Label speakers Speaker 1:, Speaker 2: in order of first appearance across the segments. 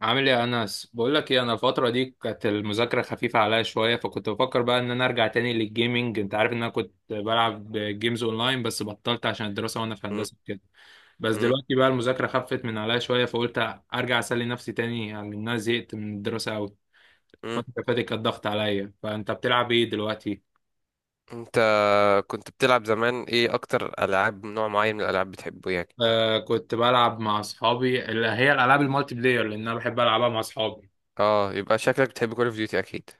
Speaker 1: عامل ايه يا انس؟ بقول لك ايه، انا الفتره دي كانت المذاكره خفيفه عليا شويه، فكنت بفكر بقى ان انا ارجع تاني للجيمنج. انت عارف ان انا كنت بلعب جيمز اونلاين بس بطلت عشان الدراسه وانا في
Speaker 2: مم.
Speaker 1: هندسه كده. بس
Speaker 2: مم.
Speaker 1: دلوقتي بقى المذاكره خفت من عليا شويه، فقلت ارجع اسلي نفسي تاني، يعني لان انا زهقت من الدراسه قوي.
Speaker 2: مم.
Speaker 1: الفتره اللي فاتت كانت ضغط عليا. فانت بتلعب ايه دلوقتي؟
Speaker 2: انت كنت بتلعب زمان ايه؟ اكتر العاب، نوع معين من الالعاب بتحبه يعني؟
Speaker 1: آه، كنت بلعب مع اصحابي اللي هي الالعاب المالتي بلاير، لان انا بحب العبها مع اصحابي.
Speaker 2: اه، يبقى شكلك بتحب كول اوف ديوتي اكيد.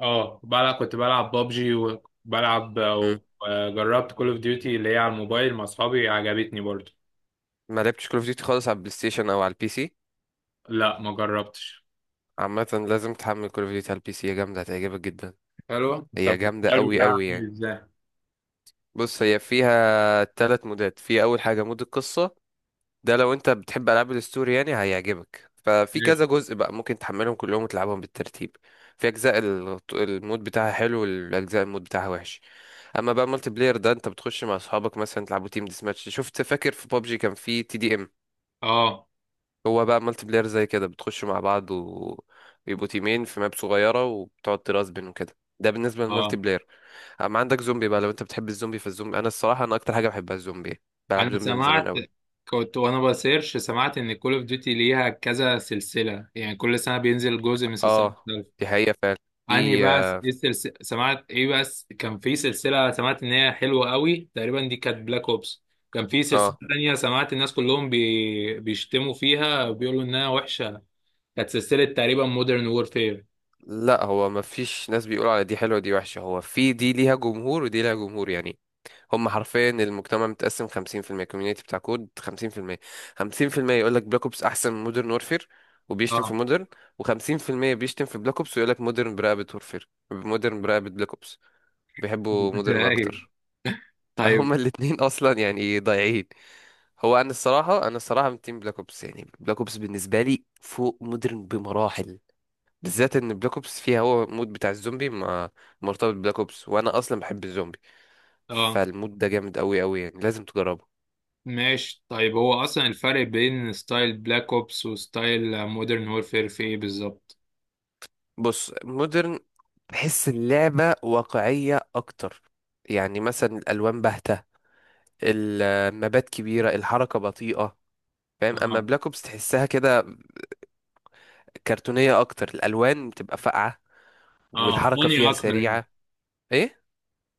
Speaker 1: اه، كنت بلعب بابجي، وبلعب
Speaker 2: مم.
Speaker 1: وجربت كول اوف ديوتي اللي هي على الموبايل مع اصحابي، عجبتني برضو.
Speaker 2: ما لعبتش كول اوف ديوتي خالص على البلاي ستيشن او على البي سي؟
Speaker 1: لا، ما جربتش.
Speaker 2: عامه لازم تحمل كول اوف ديوتي على البي سي، هي جامده هتعجبك جدا.
Speaker 1: حلوة.
Speaker 2: هي
Speaker 1: طب
Speaker 2: جامده
Speaker 1: السؤال
Speaker 2: قوي
Speaker 1: بتاعها
Speaker 2: قوي
Speaker 1: عامل
Speaker 2: يعني.
Speaker 1: ازاي؟
Speaker 2: بص، هي فيها ثلاث مودات. في اول حاجه مود القصه، ده لو انت بتحب العاب الستوري يعني هيعجبك، ففي
Speaker 1: ماشي.
Speaker 2: كذا جزء بقى ممكن تحملهم كلهم وتلعبهم بالترتيب. في اجزاء المود بتاعها حلو، والاجزاء المود بتاعها وحش. اما بقى مالتي بلاير ده، انت بتخش مع اصحابك مثلا تلعبوا تيم ديس ماتش، شفت؟ فاكر في بابجي كان في تي دي ام؟
Speaker 1: اه.
Speaker 2: هو بقى مالتي بلاير زي كده، بتخشوا مع بعض ويبقوا تيمين في ماب صغيره، وبتقعد ترازبن وكده. ده بالنسبه للمالتي
Speaker 1: اه.
Speaker 2: بلاير. اما عندك زومبي بقى، لو انت بتحب الزومبي، فالزومبي انا الصراحه انا اكتر حاجه بحبها الزومبي، بلعب
Speaker 1: انا
Speaker 2: زومبي من زمان
Speaker 1: سمعت،
Speaker 2: قوي.
Speaker 1: كنت وانا بسيرش سمعت ان كول اوف ديوتي ليها كذا سلسلة، يعني كل سنة بينزل جزء من سلسلة.
Speaker 2: اه، دي حقيقة فعلا.
Speaker 1: انهي
Speaker 2: في
Speaker 1: بقى ايه السلسلة؟ سمعت ايه بس، كان في سلسلة سمعت ان هي حلوة قوي، تقريبا دي كانت بلاك اوبس. كان في سلسلة
Speaker 2: آه،
Speaker 1: تانية سمعت الناس كلهم بيشتموا فيها وبيقولوا انها وحشة، كانت سلسلة تقريبا مودرن وورفير.
Speaker 2: لا، هو ما فيش ناس بيقولوا على دي حلوة ودي وحشة، هو في دي ليها جمهور ودي ليها جمهور يعني. هم حرفيا المجتمع متقسم 50%، الكوميونيتي بتاع كود، 50% يقول لك بلاك اوبس احسن من مودرن وورفير وبيشتم في
Speaker 1: اه.
Speaker 2: مودرن، و50% بيشتم في بلاك اوبس ويقول لك مودرن برقبة وورفير، مودرن برقبة بلاك اوبس، بيحبوا مودرن
Speaker 1: ايوه.
Speaker 2: اكتر.
Speaker 1: طيب.
Speaker 2: فهم الاتنين اصلا يعني ضايعين. هو انا الصراحه من تيم بلاك اوبس، يعني بلاك اوبس بالنسبه لي فوق مودرن بمراحل، بالذات ان بلاك اوبس فيها هو المود بتاع الزومبي، ما مرتبط ببلاك اوبس وانا اصلا بحب الزومبي،
Speaker 1: اه
Speaker 2: فالمود ده جامد قوي قوي يعني، لازم تجربه.
Speaker 1: ماشي. طيب هو اصلا الفرق بين ستايل بلاك اوبس وستايل مودرن وورفير في ايه بالظبط؟
Speaker 2: بص، مودرن بحس اللعبه واقعيه اكتر، يعني مثلا الالوان باهته، المبات كبيره، الحركه بطيئه، فاهم؟ اما
Speaker 1: اه.
Speaker 2: بلاك اوبس تحسها كده كرتونيه اكتر، الالوان بتبقى فاقعه،
Speaker 1: اه،
Speaker 2: والحركه
Speaker 1: فاني
Speaker 2: فيها
Speaker 1: اكتر يعني.
Speaker 2: سريعه. ايه،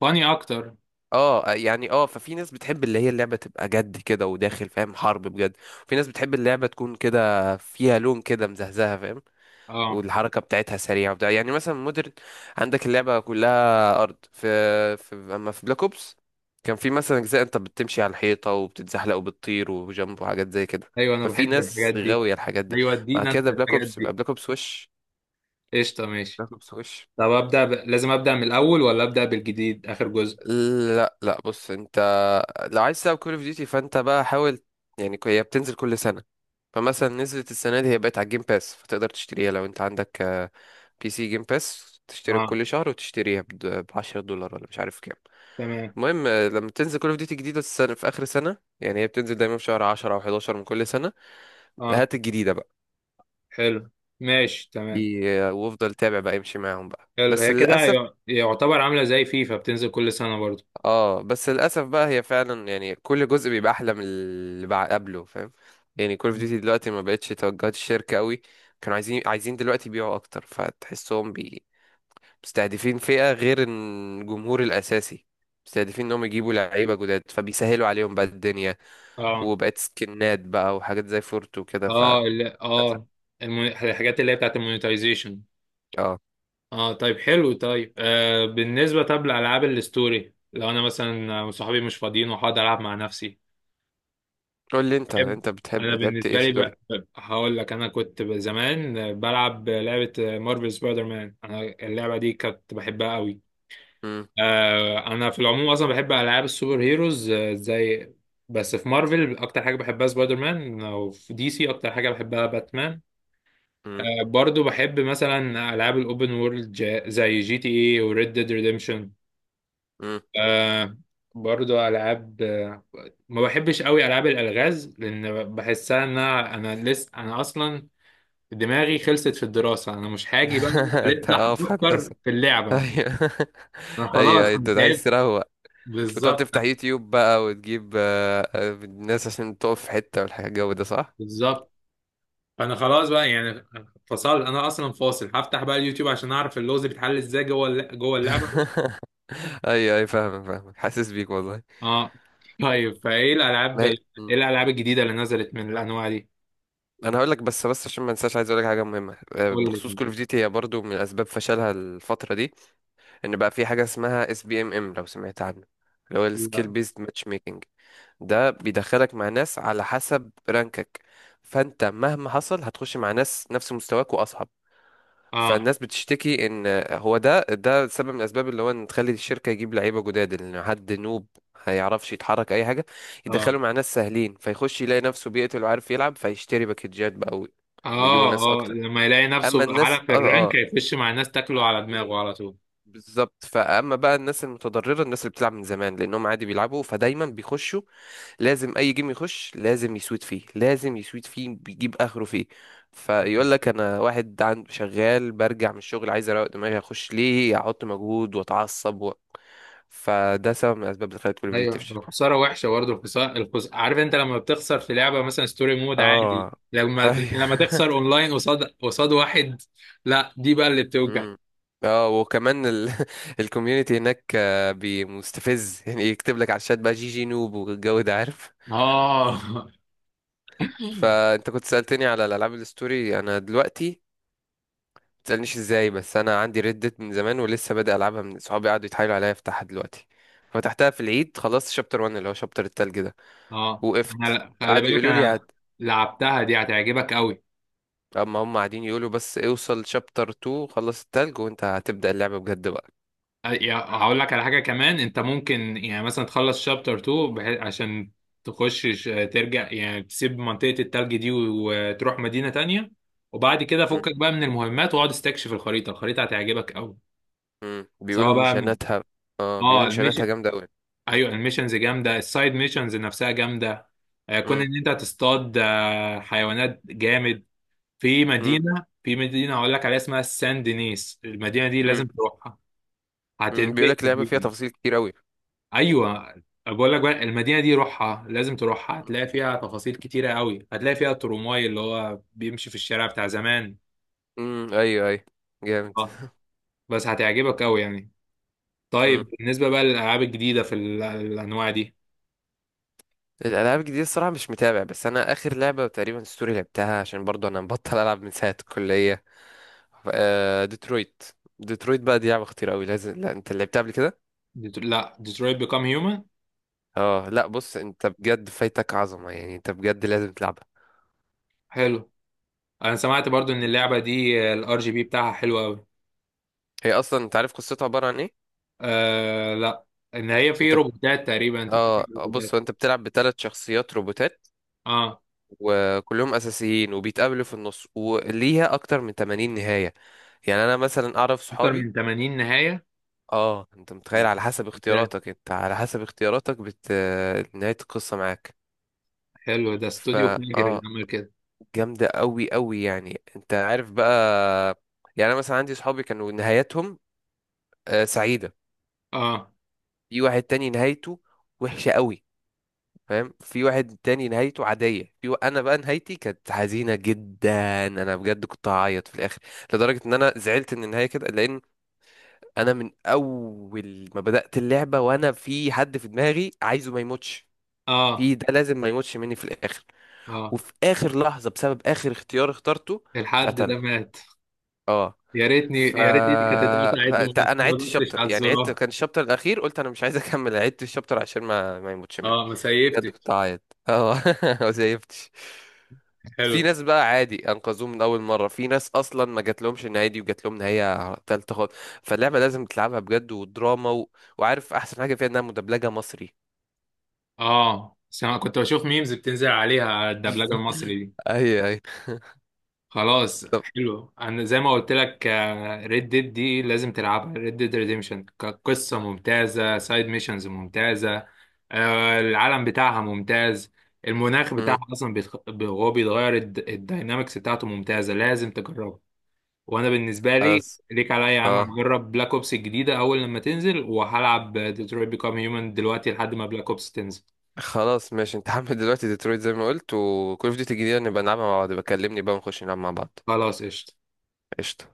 Speaker 1: فاني اكتر.
Speaker 2: اه. آه، يعني اه، ففي ناس بتحب اللي هي اللعبة تبقى جد كده وداخل، فاهم، حرب بجد. في ناس بتحب اللعبة تكون كده فيها لون كده مزهزهة، فاهم؟
Speaker 1: اه.
Speaker 2: والحركة بتاعتها سريعة وبتاع. يعني مثلا مودرن، عندك اللعبة كلها أرض، في أما في بلاك أوبس كان في مثلا أجزاء أنت بتمشي على الحيطة وبتتزحلق وبتطير وجنب وحاجات زي كده.
Speaker 1: ايوه، انا
Speaker 2: ففي
Speaker 1: بحب
Speaker 2: ناس
Speaker 1: الحاجات دي.
Speaker 2: غاوية الحاجات دي.
Speaker 1: ايوه،
Speaker 2: مع
Speaker 1: ادينا انت
Speaker 2: كده، بلاك
Speaker 1: الحاجات
Speaker 2: أوبس يبقى
Speaker 1: دي.
Speaker 2: بلاك أوبس وش.
Speaker 1: قشطة. ماشي.
Speaker 2: بلاك أوبس وش.
Speaker 1: طب لازم أبدأ من الأول، ولا أبدأ بالجديد آخر جزء؟
Speaker 2: لا لا، بص انت، لو عايز تلعب كول اوف ديوتي، فانت بقى حاول. يعني هي بتنزل كل سنة، فمثلا نزلت السنة دي هي بقت على الجيم باس، فتقدر تشتريها لو انت عندك بي سي جيم باس، تشترك
Speaker 1: اه.
Speaker 2: كل شهر وتشتريها ب 10 دولار، ولا مش عارف كام.
Speaker 1: تمام.
Speaker 2: المهم، لما تنزل كول اوف ديوتي جديدة السنة، في آخر سنة يعني، هي بتنزل دايما في شهر 10 أو 11 من كل سنة،
Speaker 1: اه.
Speaker 2: هات الجديدة بقى.
Speaker 1: حلو. ماشي تمام.
Speaker 2: دي وافضل تابع بقى، امشي معاهم بقى،
Speaker 1: حلو،
Speaker 2: بس
Speaker 1: هي كده
Speaker 2: للأسف.
Speaker 1: يعتبر عاملة زي فيفا، بتنزل كل سنة برضو.
Speaker 2: اه، بس للاسف بقى، هي فعلا يعني كل جزء بيبقى احلى من اللي قبله، فاهم؟ يعني كول اوف
Speaker 1: مم.
Speaker 2: ديوتي دلوقتي ما بقتش توجهات الشركه قوي. كانوا عايزين دلوقتي يبيعوا اكتر، فتحسهم مستهدفين فئه غير الجمهور الاساسي، مستهدفين انهم يجيبوا لعيبه جداد، فبيسهلوا عليهم بقى الدنيا،
Speaker 1: اه.
Speaker 2: وبقت سكنات بقى وحاجات زي فورت وكده،
Speaker 1: اه، لا
Speaker 2: للأسف.
Speaker 1: اه. الحاجات اللي هي بتاعت المونيتايزيشن.
Speaker 2: اه،
Speaker 1: اه. طيب حلو. طيب آه، بالنسبة طب لألعاب الستوري لو أنا مثلا صحابي مش فاضيين وهقعد ألعب مع نفسي،
Speaker 2: قول لي انت،
Speaker 1: بحب.
Speaker 2: انت بتحب
Speaker 1: انا
Speaker 2: لعبت ايه
Speaker 1: بالنسبه لي
Speaker 2: ستوري؟
Speaker 1: بقى هقول لك، انا كنت زمان بلعب لعبه مارفل سبايدر مان. انا اللعبه دي كنت بحبها قوي.
Speaker 2: امم.
Speaker 1: آه، انا في العموم اصلا بحب العاب السوبر هيروز، آه، زي، بس في مارفل اكتر حاجه بحبها سبايدر مان، وفي دي سي اكتر حاجه بحبها باتمان.
Speaker 2: امم.
Speaker 1: آه، برضو بحب مثلا العاب الاوبن وورلد، زي جي تي اي وريد ديد ريديمشن.
Speaker 2: امم.
Speaker 1: آه. برضو العاب آه، ما بحبش قوي العاب الالغاز، لان بحسها ان انا اصلا دماغي خلصت في الدراسه، انا مش هاجي بقى
Speaker 2: انت
Speaker 1: لسه
Speaker 2: اه في
Speaker 1: هفكر
Speaker 2: هندسه؟
Speaker 1: في اللعبه.
Speaker 2: ايوه.
Speaker 1: انا
Speaker 2: ايوه
Speaker 1: خلاص
Speaker 2: أيوة، انت
Speaker 1: انا
Speaker 2: عايز
Speaker 1: تعبت.
Speaker 2: تروق، وتقعد
Speaker 1: بالظبط.
Speaker 2: تفتح يوتيوب بقى وتجيب الناس، عشان تقف في حتة والحاجة الجو ده، صح؟
Speaker 1: بالظبط. انا خلاص بقى يعني فصلت، انا اصلا فاصل، هفتح بقى اليوتيوب عشان اعرف اللغز بيتحل ازاي جوه اللعبه.
Speaker 2: ايوه ايوه، فاهمك فاهمك، حاسس بيك والله.
Speaker 1: اه. طيب فايه الالعاب
Speaker 2: ما هي...
Speaker 1: ايه؟
Speaker 2: م.
Speaker 1: الالعاب الجديده اللي نزلت من الانواع دي.
Speaker 2: انا هقول لك، بس عشان ما انساش، عايز اقول لك حاجه مهمه
Speaker 1: قول
Speaker 2: بخصوص
Speaker 1: لي.
Speaker 2: كول اوف ديوتي، هي برضو من اسباب فشلها الفتره دي، ان بقى في حاجه اسمها اس بي ام ام، لو سمعت عنه، اللي هو السكيل
Speaker 1: لا.
Speaker 2: بيزد ماتش ميكنج. ده بيدخلك مع ناس على حسب رانكك، فانت مهما حصل هتخش مع ناس نفس مستواك واصعب.
Speaker 1: اه.
Speaker 2: فالناس بتشتكي ان هو ده سبب من الاسباب، اللي هو ان تخلي الشركه يجيب لعيبه جداد، ان حد نوب هيعرفش يتحرك اي حاجه، يدخله
Speaker 1: اه.
Speaker 2: مع ناس سهلين، فيخش يلاقي نفسه بيقتل وعارف يلعب، فيشتري باكجات بقى ويجيبوا
Speaker 1: اه.
Speaker 2: ناس
Speaker 1: اه،
Speaker 2: اكتر.
Speaker 1: لما يلاقي
Speaker 2: اما
Speaker 1: نفسه
Speaker 2: الناس
Speaker 1: اعلى في
Speaker 2: اه،
Speaker 1: الرانك
Speaker 2: اه،
Speaker 1: هيخش مع الناس، تاكله على دماغه على طول.
Speaker 2: بالظبط. فاما بقى الناس المتضرره، الناس اللي بتلعب من زمان، لانهم عادي بيلعبوا، فدايما بيخشوا، لازم اي جيم يخش لازم يسود فيه، لازم يسود فيه، بيجيب اخره فيه. فيقول لك انا واحد عند شغال، برجع من الشغل عايز اروق دماغي، اخش ليه احط مجهود واتعصب فده سبب من الاسباب اللي خلت كل فيديو
Speaker 1: ايوه،
Speaker 2: تفشل.
Speaker 1: الخساره وحشه برضه. الخساره، عارف انت لما بتخسر في لعبه مثلا ستوري مود عادي،
Speaker 2: اه،
Speaker 1: لما لما
Speaker 2: ايوه.
Speaker 1: تخسر اونلاين قصاد قصاد واحد، لا دي بقى اللي بتوجع.
Speaker 2: امم. اه، وكمان الكوميونتي هناك مستفز، يعني يكتب لك على الشات بقى، جي جي نوب والجو ده، عارف؟
Speaker 1: اه.
Speaker 2: فانت كنت سألتني على الالعاب الستوري، انا دلوقتي تسألنيش ازاي، بس انا عندي ردت من زمان، ولسه بادئ العبها من صحابي قعدوا يتحايلوا عليا افتحها دلوقتي. فتحتها في العيد، خلصت شابتر 1 اللي هو شابتر التلج ده،
Speaker 1: اه،
Speaker 2: وقفت.
Speaker 1: انا خلي
Speaker 2: قعدوا
Speaker 1: بالك،
Speaker 2: يقولوا لي
Speaker 1: انا لعبتها دي هتعجبك قوي.
Speaker 2: اما هم قاعدين يقولوا، بس اوصل شابتر 2 خلص التلج، وانت هتبدأ اللعبة بجد بقى.
Speaker 1: يا- هقول لك على حاجة كمان، انت ممكن يعني مثلا تخلص شابتر 2، بحيث عشان ترجع يعني تسيب منطقة التلج دي وتروح مدينة تانية، وبعد كده
Speaker 2: م-
Speaker 1: فكك بقى من المهمات واقعد استكشف الخريطة. الخريطة هتعجبك قوي،
Speaker 2: م.
Speaker 1: سواء
Speaker 2: بيقولوا
Speaker 1: بقى.
Speaker 2: مشاناتها، اه
Speaker 1: اه
Speaker 2: بيقولوا مشاناتها
Speaker 1: الميشن،
Speaker 2: جامدة قوي.
Speaker 1: ايوه الميشنز جامدة، السايد ميشنز نفسها جامدة، آه، كون ان انت تصطاد آه، حيوانات جامد. في مدينة هقول لك عليها اسمها سان دينيس، المدينة دي لازم تروحها،
Speaker 2: بيقول
Speaker 1: هتنبهر
Speaker 2: لك لعبة فيها
Speaker 1: بيها.
Speaker 2: تفاصيل كتير قوي.
Speaker 1: ايوه. بقول لك بقى، المدينه دي روحها، لازم تروحها، هتلاقي فيها تفاصيل كتيره قوي، هتلاقي فيها الترمواي اللي هو بيمشي في الشارع بتاع زمان.
Speaker 2: مم. ايوه ايوه، جامد.
Speaker 1: اه. بس هتعجبك قوي يعني. طيب بالنسبه بقى للالعاب الجديده في الانواع دي.
Speaker 2: الالعاب الجديده الصراحه مش متابع، بس انا اخر لعبه تقريبا ستوري لعبتها، عشان برضو انا مبطل العب من ساعه الكليه، آه ديترويت. ديترويت بقى دي لعبه خطيره قوي، لازم، لا انت لعبتها قبل كده؟
Speaker 1: لا، ديترويت بيكام هيومن.
Speaker 2: اه، لا بص انت بجد فايتك عظمه يعني، انت بجد لازم تلعبها.
Speaker 1: حلو. انا سمعت برضو ان اللعبه دي الار جي بي بتاعها حلو قوي.
Speaker 2: هي اصلا انت عارف قصتها عباره عن ايه؟
Speaker 1: آه لا، ان هي في
Speaker 2: انت بت-
Speaker 1: روبوتات تقريبا، انت
Speaker 2: اه
Speaker 1: بتعمل
Speaker 2: بص،
Speaker 1: روبوتات.
Speaker 2: هو انت بتلعب بثلاث شخصيات روبوتات،
Speaker 1: اه.
Speaker 2: وكلهم اساسيين، وبيتقابلوا في النص، وليها اكتر من 80 نهايه. يعني انا مثلا اعرف
Speaker 1: اكتر
Speaker 2: صحابي،
Speaker 1: من 80 نهايه؟
Speaker 2: اه انت متخيل؟ على حسب
Speaker 1: ده.
Speaker 2: اختياراتك، نهاية القصة معاك.
Speaker 1: حلو، ده استوديو
Speaker 2: فا
Speaker 1: فيجر اللي
Speaker 2: اه
Speaker 1: عمل كده.
Speaker 2: جامدة قوي قوي يعني، انت عارف بقى. يعني انا مثلا عندي صحابي كانوا نهايتهم آه سعيدة،
Speaker 1: اه.
Speaker 2: في واحد تاني نهايته وحشة قوي، فاهم، في واحد تاني نهايته عادية، في انا بقى نهايتي كانت حزينة جدا، انا بجد كنت هعيط في الاخر، لدرجة ان انا زعلت ان النهاية كده، لان انا من اول ما بدأت اللعبة وانا في حد في دماغي عايزه ما يموتش،
Speaker 1: اه.
Speaker 2: ده لازم ما يموتش مني في الاخر،
Speaker 1: اه.
Speaker 2: وفي اخر لحظه بسبب اخر اختيار اخترته
Speaker 1: الحد ده
Speaker 2: اتقتلنا.
Speaker 1: مات.
Speaker 2: اه.
Speaker 1: يا ريتني،
Speaker 2: ف...
Speaker 1: يا ريت ايدي كانت اتقطعت وما.
Speaker 2: فانت انا عدت
Speaker 1: ما دوستش
Speaker 2: الشابتر،
Speaker 1: على
Speaker 2: يعني عدت
Speaker 1: الزرار.
Speaker 2: كان الشابتر الاخير، قلت انا مش عايز اكمل، عدت الشابتر عشان ما يموتش مني.
Speaker 1: اه، ما
Speaker 2: بجد كنت
Speaker 1: سيفتش.
Speaker 2: اعيط. اه ما زيفتش.
Speaker 1: حلو.
Speaker 2: في ناس بقى عادي انقذوه من اول مره، في ناس اصلا ما جات لهمش النهايه دي وجات لهم نهايه تالته خالص. فاللعبه لازم تلعبها بجد ودراما وعارف احسن حاجه فيها؟ انها مدبلجه مصري.
Speaker 1: اه، بس انا كنت بشوف ميمز بتنزل عليها على الدبلجه المصري دي.
Speaker 2: اي اي.
Speaker 1: خلاص
Speaker 2: طب.
Speaker 1: حلو. انا زي ما قلت لك، ريد ديد دي لازم تلعبها، ريد ديد ريديمشن كقصه ممتازه، سايد ميشنز ممتازه، آه العالم بتاعها ممتاز، المناخ بتاعها اصلا هو بيتغير، الداينامكس بتاعته ممتازه، لازم تجربها. وانا بالنسبه
Speaker 2: مم.
Speaker 1: لي ليك عليا يا عم،
Speaker 2: اه
Speaker 1: هجرب بلاك اوبس الجديده اول لما تنزل، وهلعب ديترويت بيكام هيومن دلوقتي لحد ما بلاك اوبس تنزل.
Speaker 2: خلاص ماشي، انت هعمل دلوقتي ديترويت زي ما قلت، وكل اوف ديوتي الجديدة نبقى نلعبها مع بعض، بكلمني بقى ونخش نلعب مع بعض.
Speaker 1: خلاص قشطه.
Speaker 2: قشطة.